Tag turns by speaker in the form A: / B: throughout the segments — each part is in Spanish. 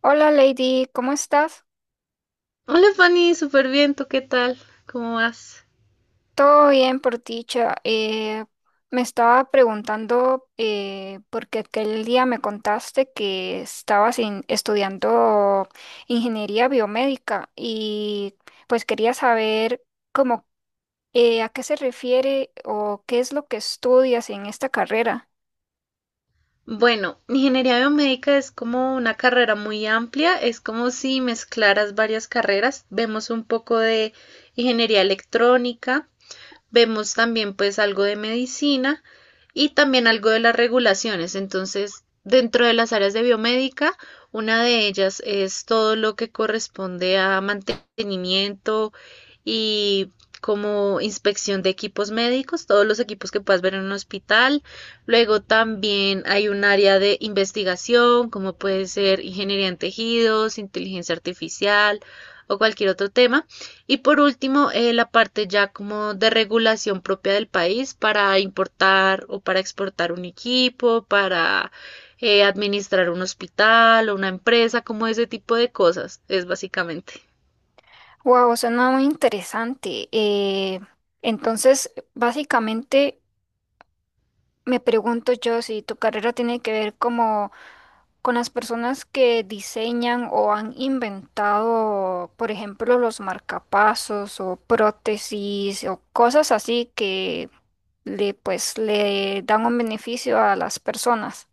A: Hola Lady, ¿cómo estás?
B: Hola Fanny, súper bien, ¿tú qué tal? ¿Cómo vas?
A: Todo bien por dicha. Me estaba preguntando porque aquel día me contaste que estabas estudiando ingeniería biomédica y pues quería saber cómo, a qué se refiere o qué es lo que estudias en esta carrera.
B: Bueno, ingeniería biomédica es como una carrera muy amplia, es como si mezclaras varias carreras. Vemos un poco de ingeniería electrónica, vemos también pues algo de medicina y también algo de las regulaciones. Entonces, dentro de las áreas de biomédica, una de ellas es todo lo que corresponde a mantenimiento y como inspección de equipos médicos, todos los equipos que puedas ver en un hospital. Luego también hay un área de investigación, como puede ser ingeniería en tejidos, inteligencia artificial o cualquier otro tema. Y por último, la parte ya como de regulación propia del país para importar o para exportar un equipo, para administrar un hospital o una empresa, como ese tipo de cosas, es básicamente.
A: Wow, suena muy interesante. Entonces, básicamente me pregunto yo si tu carrera tiene que ver como con las personas que diseñan o han inventado, por ejemplo, los marcapasos o prótesis o cosas así que pues, le dan un beneficio a las personas.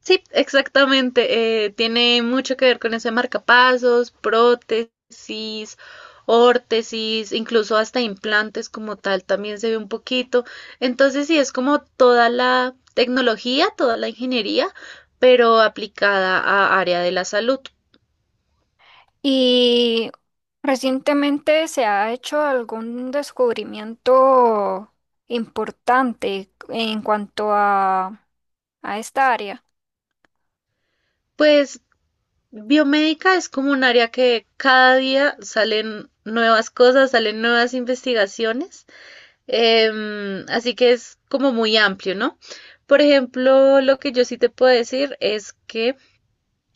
B: Sí, exactamente. Tiene mucho que ver con eso de marcapasos, prótesis, órtesis, incluso hasta implantes como tal también se ve un poquito. Entonces sí, es como toda la tecnología, toda la ingeniería, pero aplicada a área de la salud.
A: Y recientemente se ha hecho algún descubrimiento importante en cuanto a esta área.
B: Pues biomédica es como un área que cada día salen nuevas cosas, salen nuevas investigaciones. Así que es como muy amplio, ¿no? Por ejemplo, lo que yo sí te puedo decir es que,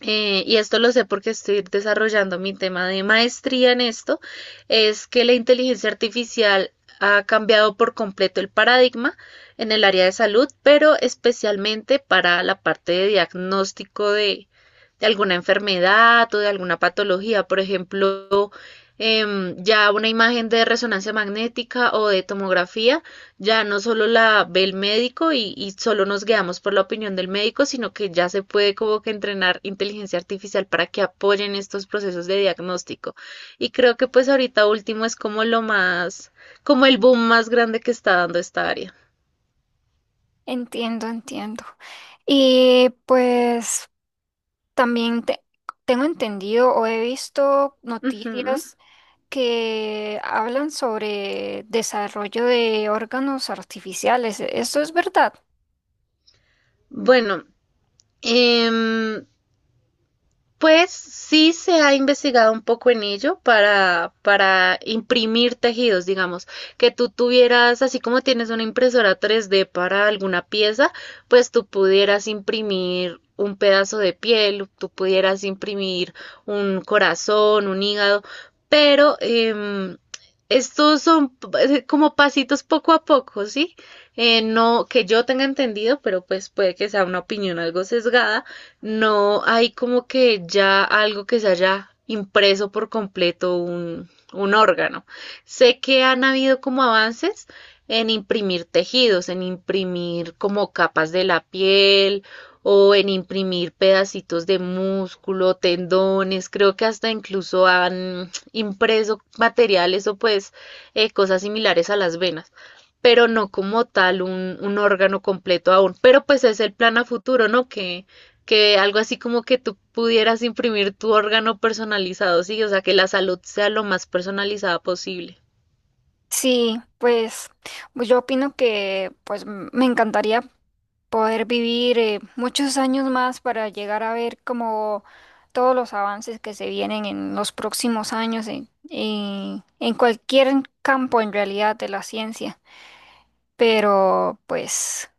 B: y esto lo sé porque estoy desarrollando mi tema de maestría en esto, es que la inteligencia artificial ha cambiado por completo el paradigma en el área de salud, pero especialmente para la parte de diagnóstico de alguna enfermedad o de alguna patología. Por ejemplo, ya una imagen de resonancia magnética o de tomografía ya no solo la ve el médico y solo nos guiamos por la opinión del médico, sino que ya se puede como que entrenar inteligencia artificial para que apoyen estos procesos de diagnóstico. Y creo que pues ahorita último es como lo más, como el boom más grande que está dando esta área.
A: Entiendo, entiendo. Y pues también tengo entendido o he visto
B: Ujú.
A: noticias que hablan sobre desarrollo de órganos artificiales. ¿Eso es verdad?
B: Bueno, em, pues sí se ha investigado un poco en ello para imprimir tejidos, digamos, que tú tuvieras, así como tienes una impresora 3D para alguna pieza, pues tú pudieras imprimir un pedazo de piel, tú pudieras imprimir un corazón, un hígado, pero estos son como pasitos poco a poco, ¿sí? No que yo tenga entendido, pero pues puede que sea una opinión algo sesgada, no hay como que ya algo que se haya impreso por completo un órgano. Sé que han habido como avances en imprimir tejidos, en imprimir como capas de la piel o en imprimir pedacitos de músculo, tendones, creo que hasta incluso han impreso materiales o pues cosas similares a las venas, pero no como tal un órgano completo aún. Pero pues es el plan a futuro, ¿no? Que algo así como que tú pudieras imprimir tu órgano personalizado, sí, o sea, que la salud sea lo más personalizada posible.
A: Sí, pues pues yo opino que pues me encantaría poder vivir, muchos años más para llegar a ver como todos los avances que se vienen en los próximos años en, en cualquier campo en realidad de la ciencia. Pero pues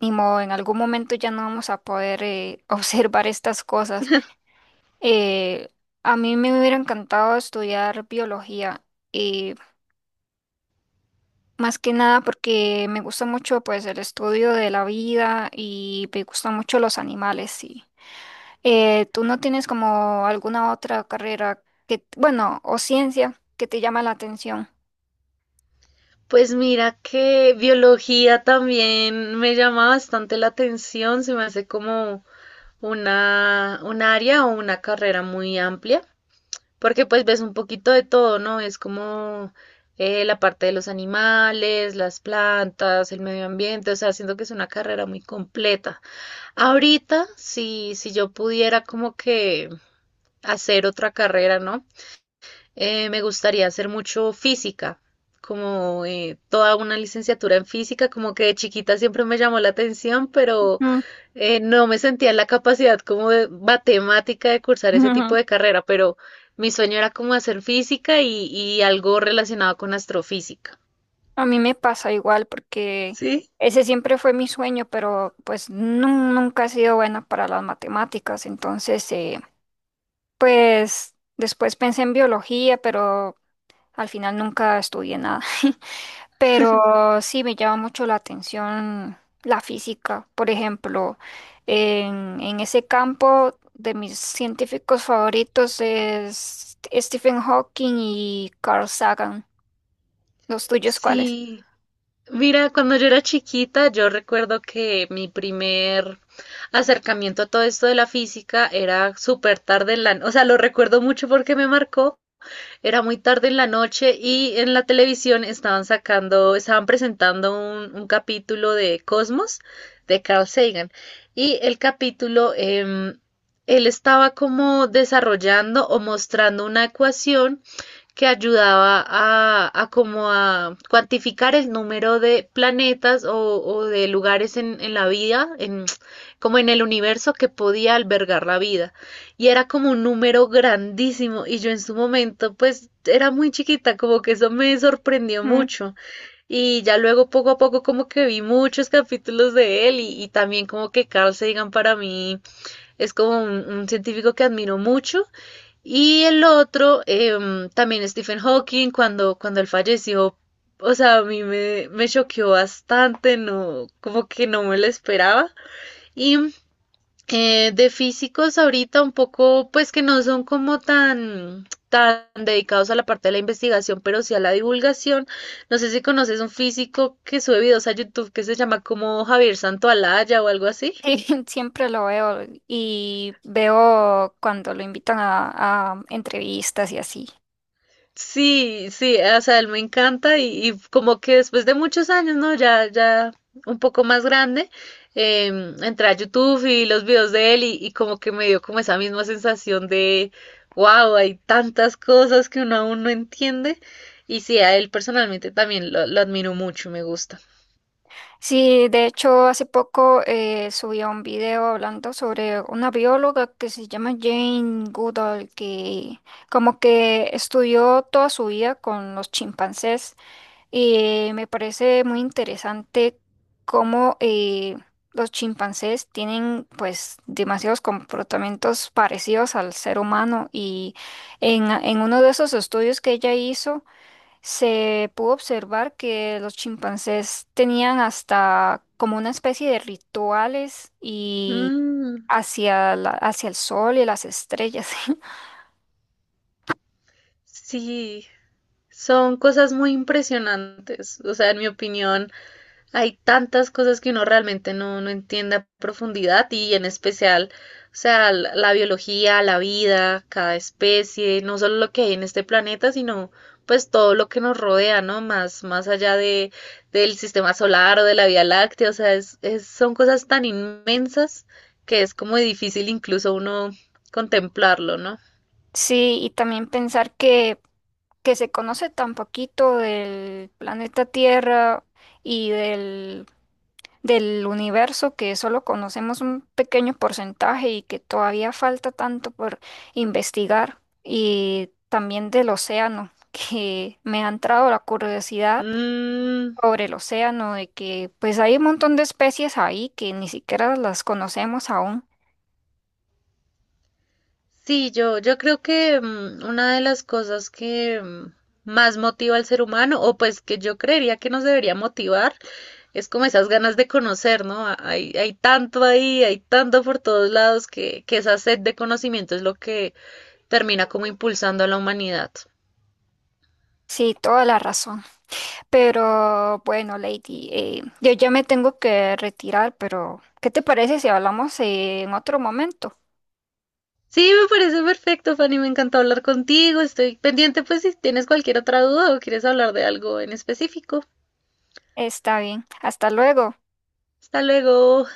A: ni modo, en algún momento ya no vamos a poder, observar estas cosas. Eh, a mí me hubiera encantado estudiar biología, eh, más que nada porque me gusta mucho pues el estudio de la vida y me gustan mucho los animales. Sí. ¿Tú no tienes como alguna otra carrera que, bueno, o ciencia que te llama la atención?
B: Pues mira que biología también me llama bastante la atención, se me hace como un área o una carrera muy amplia, porque pues ves un poquito de todo, ¿no? Es como la parte de los animales, las plantas, el medio ambiente, o sea, siento que es una carrera muy completa. Ahorita, si yo pudiera como que hacer otra carrera, ¿no? Me gustaría hacer mucho física, como toda una licenciatura en física, como que de chiquita siempre me llamó la atención, pero
A: Mm.
B: no me sentía en la capacidad como de matemática de cursar ese tipo de carrera, pero mi sueño era como hacer física y algo relacionado con astrofísica.
A: A mí me pasa igual porque
B: ¿Sí?
A: ese siempre fue mi sueño, pero pues nunca he sido buena para las matemáticas. Entonces, pues después pensé en biología, pero al final nunca estudié nada. Pero sí me llama mucho la atención la física. Por ejemplo, en ese campo, de mis científicos favoritos es Stephen Hawking y Carl Sagan. ¿Los tuyos cuáles?
B: Sí, mira, cuando yo era chiquita, yo recuerdo que mi primer acercamiento a todo esto de la física era súper tarde en la, o sea, lo recuerdo mucho porque me marcó, era muy tarde en la noche y en la televisión estaban sacando, estaban presentando un capítulo de Cosmos de Carl Sagan y el capítulo, él estaba como desarrollando o mostrando una ecuación que ayudaba a como a cuantificar el número de planetas o de lugares en la vida, en, como en el universo que podía albergar la vida. Y era como un número grandísimo y yo en su momento pues era muy chiquita, como que eso me sorprendió mucho. Y ya luego poco a poco como que vi muchos capítulos de él y también como que Carl Sagan para mí es como un científico que admiro mucho y el otro, también Stephen Hawking, cuando él falleció, o sea, a mí me choqueó bastante, no, como que no me lo esperaba. Y de físicos ahorita un poco, pues que no son como tan dedicados a la parte de la investigación, pero sí a la divulgación. No sé si conoces un físico que sube videos a YouTube que se llama como Javier Santoalaya o algo así.
A: Sí, siempre lo veo y veo cuando lo invitan a entrevistas y así.
B: Sí, sí, o sea, él me encanta y como que después de muchos años, ¿no? Ya un poco más grande, entré a YouTube y los videos de él y como que me dio como esa misma sensación de, wow, hay tantas cosas que uno aún no entiende. Y sí, a él personalmente también lo admiro mucho, me gusta.
A: Sí, de hecho, hace poco, subí un video hablando sobre una bióloga que se llama Jane Goodall, que como que estudió toda su vida con los chimpancés. Me parece muy interesante cómo, los chimpancés tienen pues demasiados comportamientos parecidos al ser humano, y en uno de esos estudios que ella hizo se pudo observar que los chimpancés tenían hasta como una especie de rituales y
B: Mm,
A: hacia hacia el sol y las estrellas.
B: sí, son cosas muy impresionantes. O sea, en mi opinión, hay tantas cosas que uno realmente no entiende a profundidad y en especial, o sea, la biología, la vida, cada especie, no solo lo que hay en este planeta, sino pues todo lo que nos rodea, ¿no? Más allá del sistema solar o de la Vía Láctea, o sea, son cosas tan inmensas que es como difícil incluso uno contemplarlo, ¿no?
A: Sí, y también pensar que se conoce tan poquito del planeta Tierra y del, del universo, que solo conocemos un pequeño porcentaje y que todavía falta tanto por investigar, y también del océano, que me ha entrado la curiosidad
B: Mm,
A: sobre el océano, de que pues hay un montón de especies ahí que ni siquiera las conocemos aún.
B: sí, yo creo que una de las cosas que más motiva al ser humano, o pues que yo creería que nos debería motivar, es como esas ganas de conocer, ¿no? Hay, hay tanto ahí, hay tanto por todos lados que esa sed de conocimiento es lo que termina como impulsando a la humanidad.
A: Sí, toda la razón. Pero bueno, Lady, yo ya me tengo que retirar, pero ¿qué te parece si hablamos, en otro momento?
B: Sí, me parece perfecto, Fanny, me encantó hablar contigo. Estoy pendiente, pues, si tienes cualquier otra duda o quieres hablar de algo en específico.
A: Está bien, hasta luego.
B: Hasta luego.